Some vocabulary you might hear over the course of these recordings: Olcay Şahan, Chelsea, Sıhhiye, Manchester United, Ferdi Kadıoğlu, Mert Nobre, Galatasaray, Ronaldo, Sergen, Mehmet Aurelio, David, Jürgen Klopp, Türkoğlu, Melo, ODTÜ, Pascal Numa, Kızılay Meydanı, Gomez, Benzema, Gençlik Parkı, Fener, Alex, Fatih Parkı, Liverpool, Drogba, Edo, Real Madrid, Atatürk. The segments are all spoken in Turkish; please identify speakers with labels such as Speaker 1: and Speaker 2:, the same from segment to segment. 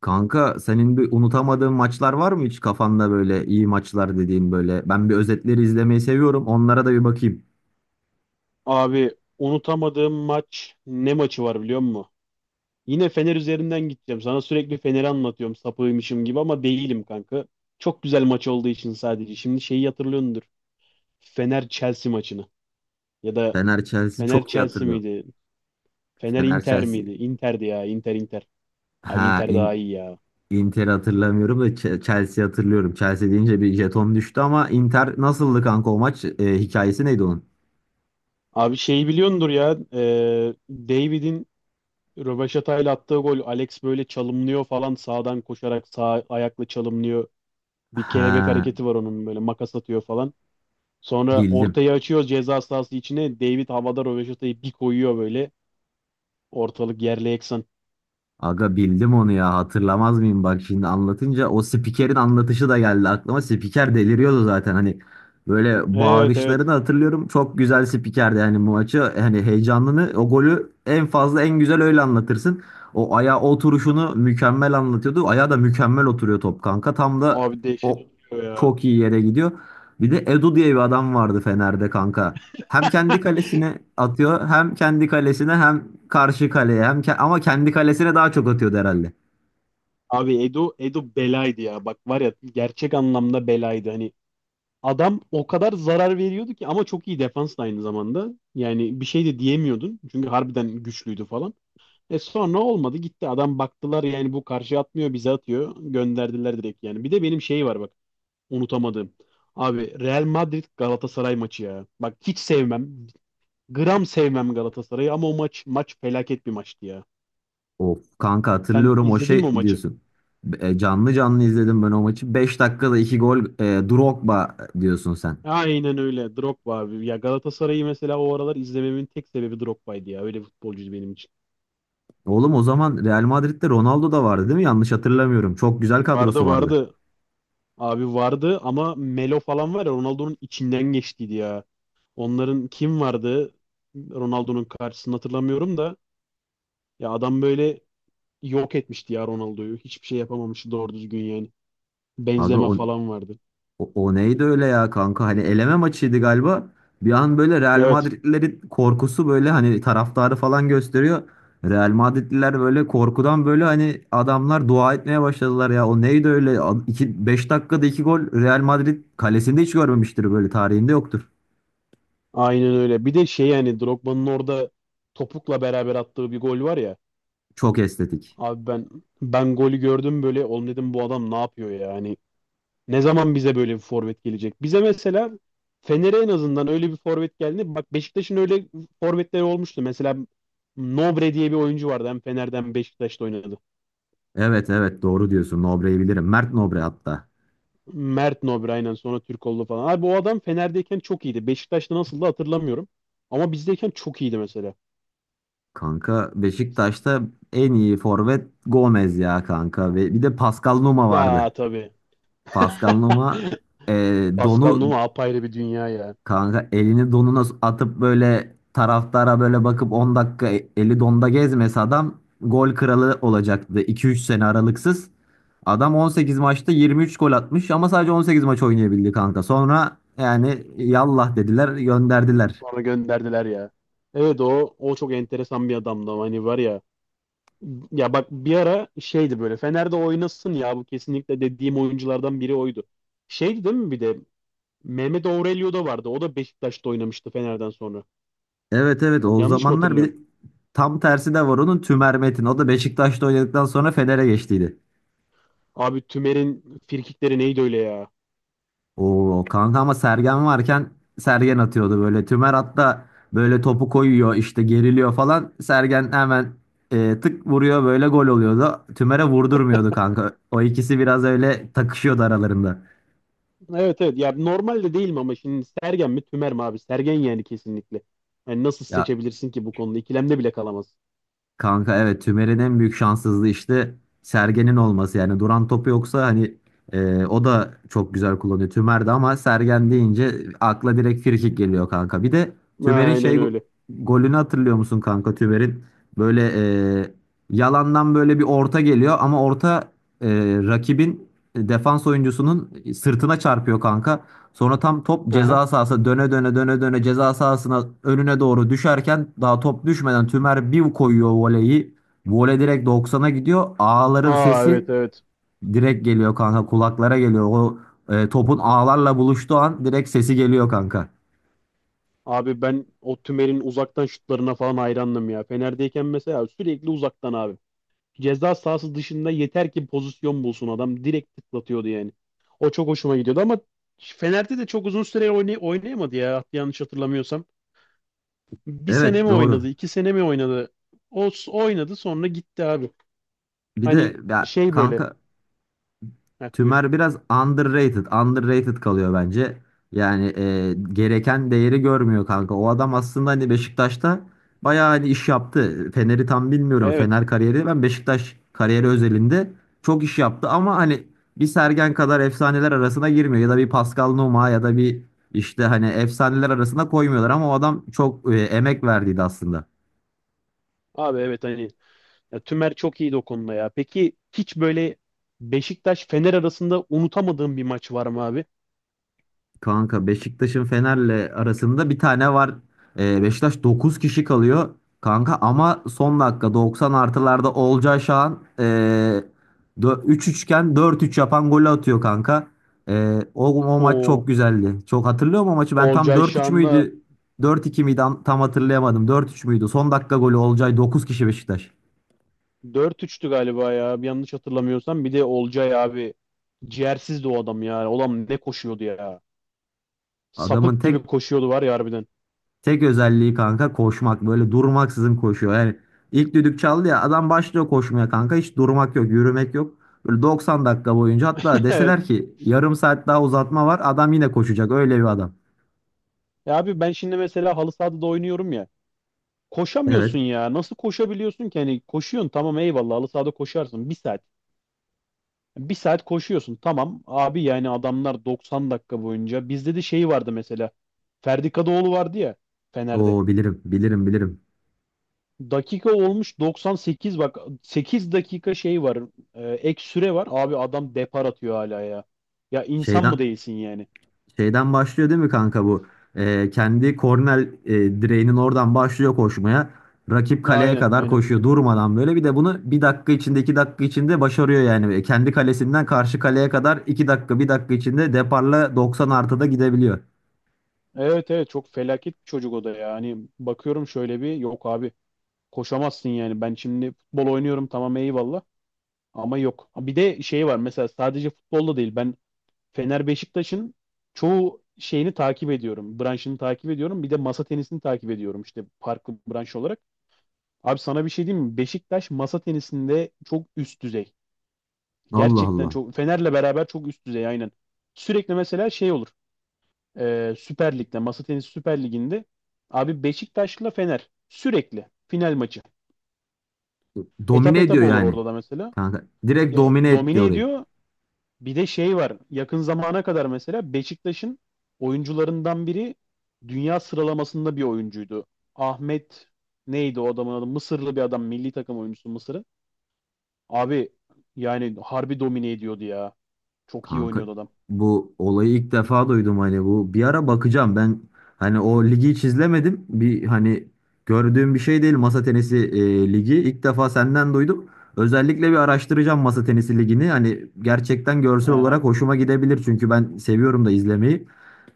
Speaker 1: Kanka senin bir unutamadığın maçlar var mı hiç kafanda böyle iyi maçlar dediğin böyle? Ben bir özetleri izlemeyi seviyorum. Onlara da bir bakayım.
Speaker 2: Abi unutamadığım maç ne maçı var biliyor musun? Yine Fener üzerinden gideceğim. Sana sürekli Fener'i anlatıyorum sapığıymışım gibi ama değilim kanka. Çok güzel maç olduğu için sadece. Şimdi şeyi hatırlıyordur. Fener Chelsea maçını. Ya da
Speaker 1: Fener Chelsea
Speaker 2: Fener
Speaker 1: çok iyi
Speaker 2: Chelsea
Speaker 1: hatırlıyorum.
Speaker 2: miydi? Fener
Speaker 1: Fener
Speaker 2: Inter miydi?
Speaker 1: Chelsea.
Speaker 2: Inter'di ya. Inter. Abi
Speaker 1: Ha
Speaker 2: Inter daha
Speaker 1: in,
Speaker 2: iyi ya.
Speaker 1: Inter hatırlamıyorum da Chelsea hatırlıyorum. Chelsea deyince bir jeton düştü ama Inter nasıldı kanka o maç? Hikayesi neydi onun?
Speaker 2: Abi şeyi biliyordur ya. David'in rövaşatayla attığı gol. Alex böyle çalımlıyor falan. Sağdan koşarak sağ ayakla çalımlıyor. Bir
Speaker 1: Ha,
Speaker 2: kelebek hareketi var onun böyle makas atıyor falan. Sonra
Speaker 1: bildim.
Speaker 2: ortayı açıyor ceza sahası içine. David havada röveşatayı bir koyuyor böyle. Ortalık yerle yeksan.
Speaker 1: Aga, bildim onu ya, hatırlamaz mıyım? Bak şimdi anlatınca o spikerin anlatışı da geldi aklıma. Spiker deliriyordu zaten, hani böyle
Speaker 2: Evet, evet.
Speaker 1: bağırışlarını hatırlıyorum. Çok güzel spikerdi yani bu maçı, hani heyecanını, o golü en fazla en güzel öyle anlatırsın. O ayağa oturuşunu mükemmel anlatıyordu. Ayağı da mükemmel oturuyor top kanka, tam da
Speaker 2: Abi dehşet
Speaker 1: o
Speaker 2: oturuyor ya.
Speaker 1: çok iyi yere gidiyor. Bir de Edu diye bir adam vardı Fener'de kanka. Hem kendi kalesine atıyor, hem kendi kalesine, hem karşı kaleye, ama kendi kalesine daha çok atıyordu herhalde.
Speaker 2: Abi Edo belaydı ya. Bak var ya gerçek anlamda belaydı. Hani adam o kadar zarar veriyordu ki, ama çok iyi defans da aynı zamanda. Yani bir şey de diyemiyordun. Çünkü harbiden güçlüydü falan. E sonra olmadı gitti. Adam baktılar yani bu karşı atmıyor bize atıyor. Gönderdiler direkt yani. Bir de benim şey var bak. Unutamadığım. Abi Real Madrid Galatasaray maçı ya. Bak hiç sevmem. Gram sevmem Galatasaray'ı ama o maç maç felaket bir maçtı ya.
Speaker 1: Of kanka,
Speaker 2: Sen
Speaker 1: hatırlıyorum o
Speaker 2: izledin mi
Speaker 1: şey
Speaker 2: o maçı?
Speaker 1: diyorsun. Canlı canlı izledim ben o maçı. 5 dakikada 2 gol, Drogba diyorsun sen.
Speaker 2: Aynen öyle. Drogba abi. Ya Galatasaray'ı mesela o aralar izlememin tek sebebi Drogba'ydı ya. Öyle bir futbolcuydu benim için.
Speaker 1: Oğlum o zaman Real Madrid'de Ronaldo da vardı değil mi? Yanlış hatırlamıyorum. Çok güzel kadrosu
Speaker 2: Vardı,
Speaker 1: vardı.
Speaker 2: vardı. Abi vardı ama Melo falan var ya, Ronaldo'nun içinden geçtiydi ya. Onların kim vardı? Ronaldo'nun karşısını hatırlamıyorum da. Ya adam böyle yok etmişti ya Ronaldo'yu. Hiçbir şey yapamamıştı doğru düzgün yani.
Speaker 1: Aga,
Speaker 2: Benzema falan vardı.
Speaker 1: O neydi öyle ya kanka? Hani eleme maçıydı galiba. Bir an böyle Real
Speaker 2: Evet.
Speaker 1: Madridlilerin korkusu, böyle hani taraftarı falan gösteriyor. Real Madridliler böyle korkudan, böyle hani adamlar dua etmeye başladılar ya. O neydi öyle? 5 dakikada 2 gol Real Madrid kalesinde hiç görmemiştir, böyle tarihinde yoktur.
Speaker 2: Aynen öyle. Bir de şey yani Drogba'nın orada topukla beraber attığı bir gol var ya.
Speaker 1: Çok estetik.
Speaker 2: Abi ben golü gördüm böyle, oğlum dedim bu adam ne yapıyor ya yani. Ne zaman bize böyle bir forvet gelecek? Bize mesela Fener'e en azından öyle bir forvet geldi. Bak Beşiktaş'ın öyle forvetleri olmuştu. Mesela Nobre diye bir oyuncu vardı. Hem Fener'den hem Beşiktaş'ta oynadı.
Speaker 1: Evet evet, doğru diyorsun. Nobre'yi bilirim. Mert Nobre hatta.
Speaker 2: Mert Nobre, aynen, sonra Türkoğlu falan. Abi o adam Fener'deyken çok iyiydi. Beşiktaş'ta nasıldı hatırlamıyorum. Ama bizdeyken çok iyiydi mesela.
Speaker 1: Kanka Beşiktaş'ta en iyi forvet Gomez ya kanka. Ve bir de Pascal Numa vardı.
Speaker 2: Ya tabii.
Speaker 1: Pascal Numa, e,
Speaker 2: Pascal
Speaker 1: donu
Speaker 2: Numa apayrı bir dünya ya.
Speaker 1: kanka elini donuna atıp böyle taraftara böyle bakıp 10 dakika, eli donda gezmesi, adam gol kralı olacaktı iki üç sene aralıksız. Adam 18 maçta 23 gol atmış ama sadece 18 maç oynayabildi kanka. Sonra yani yallah dediler, gönderdiler.
Speaker 2: Sonra gönderdiler ya. Evet, o o çok enteresan bir adamdı ama hani var ya. Ya bak bir ara şeydi böyle, Fener'de oynasın ya bu kesinlikle dediğim oyunculardan biri oydu. Şeydi değil mi, bir de Mehmet Aurelio da vardı. O da Beşiktaş'ta oynamıştı Fener'den sonra.
Speaker 1: Evet evet, o
Speaker 2: Yanlış mı
Speaker 1: zamanlar bir
Speaker 2: hatırlıyorum?
Speaker 1: de tam tersi de var onun, Tümer Metin. O da Beşiktaş'ta oynadıktan sonra Fener'e geçtiydi.
Speaker 2: Abi Tümer'in firkikleri neydi öyle ya?
Speaker 1: Oo kanka, ama Sergen varken Sergen atıyordu böyle. Tümer hatta böyle topu koyuyor, işte geriliyor falan. Sergen hemen tık vuruyor, böyle gol oluyordu. Tümer'e vurdurmuyordu kanka. O ikisi biraz öyle takışıyordu aralarında.
Speaker 2: Evet, evet ya normalde değil mi, ama şimdi Sergen mi Tümer mi abi? Sergen yani kesinlikle. Yani nasıl
Speaker 1: Ya
Speaker 2: seçebilirsin ki bu konuda? İkilemde bile kalamaz.
Speaker 1: kanka, evet, Tümer'in en büyük şanssızlığı işte Sergen'in olması. Yani duran topu yoksa hani o da çok güzel kullanıyor Tümer de, ama Sergen deyince akla direkt frikik geliyor kanka. Bir de Tümer'in
Speaker 2: Aynen öyle.
Speaker 1: golünü hatırlıyor musun kanka, Tümer'in? Böyle e, yalandan böyle bir orta geliyor ama orta, e, rakibin defans oyuncusunun sırtına çarpıyor kanka. Sonra tam top
Speaker 2: Aha.
Speaker 1: ceza sahası döne döne döne döne, ceza sahasına önüne doğru düşerken daha top düşmeden Tümer bir koyuyor voleyi. Voley direkt doksan'a gidiyor. Ağların
Speaker 2: Aa,
Speaker 1: sesi
Speaker 2: evet, evet.
Speaker 1: direkt geliyor kanka, kulaklara geliyor. O, topun ağlarla buluştuğu an direkt sesi geliyor kanka.
Speaker 2: Abi ben o Tümer'in uzaktan şutlarına falan hayrandım ya. Fener'deyken mesela sürekli uzaktan abi. Ceza sahası dışında yeter ki pozisyon bulsun adam. Direkt tıklatıyordu yani. O çok hoşuma gidiyordu ama Fener'de de çok uzun süre oynayamadı ya yanlış hatırlamıyorsam. Bir sene
Speaker 1: Evet,
Speaker 2: mi oynadı,
Speaker 1: doğru.
Speaker 2: iki sene mi oynadı? Oynadı sonra gitti abi.
Speaker 1: Bir
Speaker 2: Hani
Speaker 1: de ya
Speaker 2: şey böyle.
Speaker 1: kanka,
Speaker 2: Heh, buyur.
Speaker 1: Tümer biraz underrated, underrated kalıyor bence. Yani gereken değeri görmüyor kanka. O adam aslında hani Beşiktaş'ta bayağı hani iş yaptı. Fener'i tam bilmiyorum.
Speaker 2: Evet.
Speaker 1: Fener kariyeri, ben Beşiktaş kariyeri özelinde çok iş yaptı ama hani bir Sergen kadar efsaneler arasına girmiyor ya da bir Pascal Nouma ya da bir işte, hani efsaneler arasına koymuyorlar ama o adam çok emek verdiydi aslında.
Speaker 2: Abi evet hani ya, Tümer çok iyiydi o konuda ya. Peki hiç böyle Beşiktaş Fener arasında unutamadığın bir maç var mı abi?
Speaker 1: Kanka Beşiktaş'ın Fener'le arasında bir tane var. Beşiktaş 9 kişi kalıyor. Kanka ama son dakika 90 artılarda Olcay Şahan, 3-3 iken 4 yapan golü atıyor kanka. O maç çok
Speaker 2: O
Speaker 1: güzeldi. Çok hatırlıyorum o maçı. Ben tam,
Speaker 2: Olcay
Speaker 1: dört üç
Speaker 2: Şan'la
Speaker 1: müydü? Dört iki miydi? Tam hatırlayamadım. Dört üç müydü? Son dakika golü Olcay, 9 kişi Beşiktaş.
Speaker 2: dört üçtü galiba ya. Bir yanlış hatırlamıyorsam. Bir de Olcay abi ciğersizdi o adam ya. Olam ne koşuyordu ya.
Speaker 1: Adamın
Speaker 2: Sapık gibi
Speaker 1: tek
Speaker 2: koşuyordu var ya harbiden.
Speaker 1: Tek özelliği kanka koşmak. Böyle durmaksızın koşuyor. Yani ilk düdük çaldı ya adam başlıyor koşmaya kanka. Hiç durmak yok, yürümek yok. Böyle 90 dakika boyunca, hatta
Speaker 2: Evet.
Speaker 1: deseler ki yarım saat daha uzatma var, adam yine koşacak. Öyle bir adam.
Speaker 2: Ya abi ben şimdi mesela halı sahada da oynuyorum ya. Koşamıyorsun
Speaker 1: Evet.
Speaker 2: ya. Nasıl koşabiliyorsun ki? Hani koşuyorsun tamam eyvallah, halı sahada koşarsın. Bir saat. Bir saat koşuyorsun tamam abi, yani adamlar 90 dakika boyunca. Bizde de şey vardı mesela, Ferdi Kadıoğlu vardı ya Fener'de,
Speaker 1: Oo bilirim, bilirim, bilirim.
Speaker 2: dakika olmuş 98, bak 8 dakika şey var, ek süre var abi, adam depar atıyor hala ya. Ya insan mı
Speaker 1: Şeyden
Speaker 2: değilsin yani?
Speaker 1: Şeyden başlıyor değil mi kanka bu? Kendi korner, direğinin oradan başlıyor koşmaya. Rakip kaleye
Speaker 2: Aynen,
Speaker 1: kadar
Speaker 2: aynen,
Speaker 1: koşuyor durmadan böyle. Bir de bunu bir dakika içinde iki dakika içinde başarıyor yani. Kendi kalesinden karşı kaleye kadar iki dakika bir dakika içinde deparla 90 artıda gidebiliyor.
Speaker 2: evet, evet, çok felaket bir çocuk o da ya. Hani bakıyorum şöyle bir, yok abi koşamazsın yani. Ben şimdi futbol oynuyorum tamam eyvallah ama yok, bir de şey var mesela, sadece futbolda değil, ben Fener Beşiktaş'ın çoğu şeyini takip ediyorum. Branşını takip ediyorum. Bir de masa tenisini takip ediyorum işte farklı branş olarak. Abi sana bir şey diyeyim mi? Beşiktaş masa tenisinde çok üst düzey.
Speaker 1: Allah
Speaker 2: Gerçekten
Speaker 1: Allah.
Speaker 2: çok, Fener'le beraber çok üst düzey, aynen. Sürekli mesela şey olur. Süper Lig'de, masa tenisi Süper Lig'inde abi Beşiktaş'la Fener sürekli final maçı. Etap
Speaker 1: Domine ediyor
Speaker 2: etap olur
Speaker 1: yani.
Speaker 2: orada da mesela.
Speaker 1: Kanka direkt
Speaker 2: Ya,
Speaker 1: domine etti
Speaker 2: domine
Speaker 1: orayı.
Speaker 2: ediyor. Bir de şey var. Yakın zamana kadar mesela Beşiktaş'ın oyuncularından biri dünya sıralamasında bir oyuncuydu. Ahmet, neydi o adamın adı? Mısırlı bir adam. Milli takım oyuncusu Mısır'ın. Abi yani harbi domine ediyordu ya. Çok iyi
Speaker 1: Kanka
Speaker 2: oynuyordu adam.
Speaker 1: bu olayı ilk defa duydum, hani bu bir ara bakacağım ben. Hani o ligi hiç izlemedim, bir hani gördüğüm bir şey değil masa tenisi ligi. İlk defa senden duydum, özellikle bir araştıracağım masa tenisi ligini, hani gerçekten
Speaker 2: Hı
Speaker 1: görsel
Speaker 2: hı.
Speaker 1: olarak hoşuma gidebilir çünkü ben seviyorum da izlemeyi.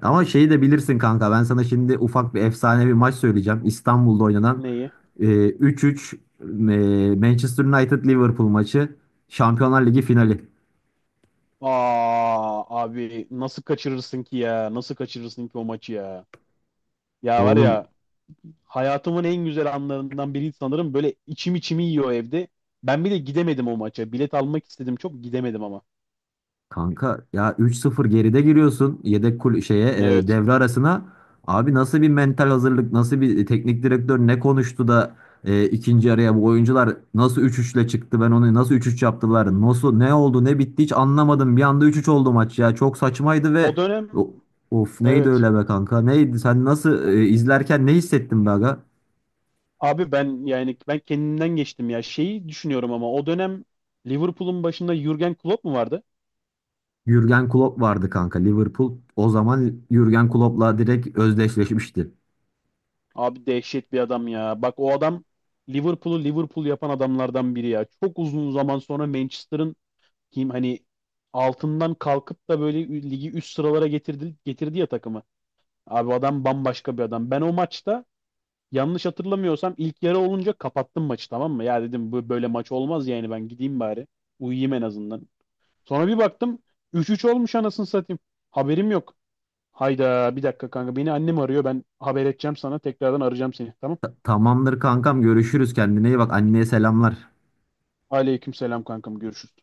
Speaker 1: Ama şeyi de bilirsin kanka, ben sana şimdi ufak bir efsane bir maç söyleyeceğim: İstanbul'da oynanan
Speaker 2: Neyi?
Speaker 1: 3-3, Manchester United Liverpool maçı, Şampiyonlar Ligi finali.
Speaker 2: Aa abi nasıl kaçırırsın ki ya? Nasıl kaçırırsın ki o maçı ya? Ya var
Speaker 1: Oğlum,
Speaker 2: ya hayatımın en güzel anlarından biri sanırım. Böyle içim içimi yiyor evde. Ben bile gidemedim o maça. Bilet almak istedim çok, gidemedim ama.
Speaker 1: kanka ya, 3-0 geride giriyorsun yedek kul şeye,
Speaker 2: Evet.
Speaker 1: devre arasına. Abi nasıl bir mental hazırlık, nasıl bir teknik direktör ne konuştu da ikinci araya bu oyuncular nasıl üç üçle çıktı? Ben onu nasıl üç üç yaptılar? Nasıl ne oldu, ne bitti hiç anlamadım. Bir anda üç üç oldu maç ya. Çok saçmaydı ve
Speaker 2: O dönem,
Speaker 1: o- of neydi
Speaker 2: evet.
Speaker 1: öyle be kanka? Neydi? Sen nasıl izlerken ne hissettin be aga?
Speaker 2: Abi ben yani ben kendimden geçtim ya. Şeyi düşünüyorum ama o dönem Liverpool'un başında Jürgen Klopp mu vardı?
Speaker 1: Jürgen Klopp vardı kanka Liverpool. O zaman Jürgen Klopp'la direkt özdeşleşmişti.
Speaker 2: Abi dehşet bir adam ya. Bak o adam Liverpool'u Liverpool yapan adamlardan biri ya. Çok uzun zaman sonra Manchester'ın kim hani altından kalkıp da böyle ligi üst sıralara getirdi ya takımı. Abi adam bambaşka bir adam. Ben o maçta yanlış hatırlamıyorsam ilk yarı olunca kapattım maçı, tamam mı? Ya dedim bu böyle maç olmaz yani, ben gideyim bari. Uyuyayım en azından. Sonra bir baktım 3-3 olmuş, anasını satayım. Haberim yok. Hayda, bir dakika kanka, beni annem arıyor, ben haber edeceğim sana, tekrardan arayacağım seni, tamam.
Speaker 1: Tamamdır kankam, görüşürüz, kendine iyi bak, anneye selamlar.
Speaker 2: Aleyküm selam kankam, görüşürüz.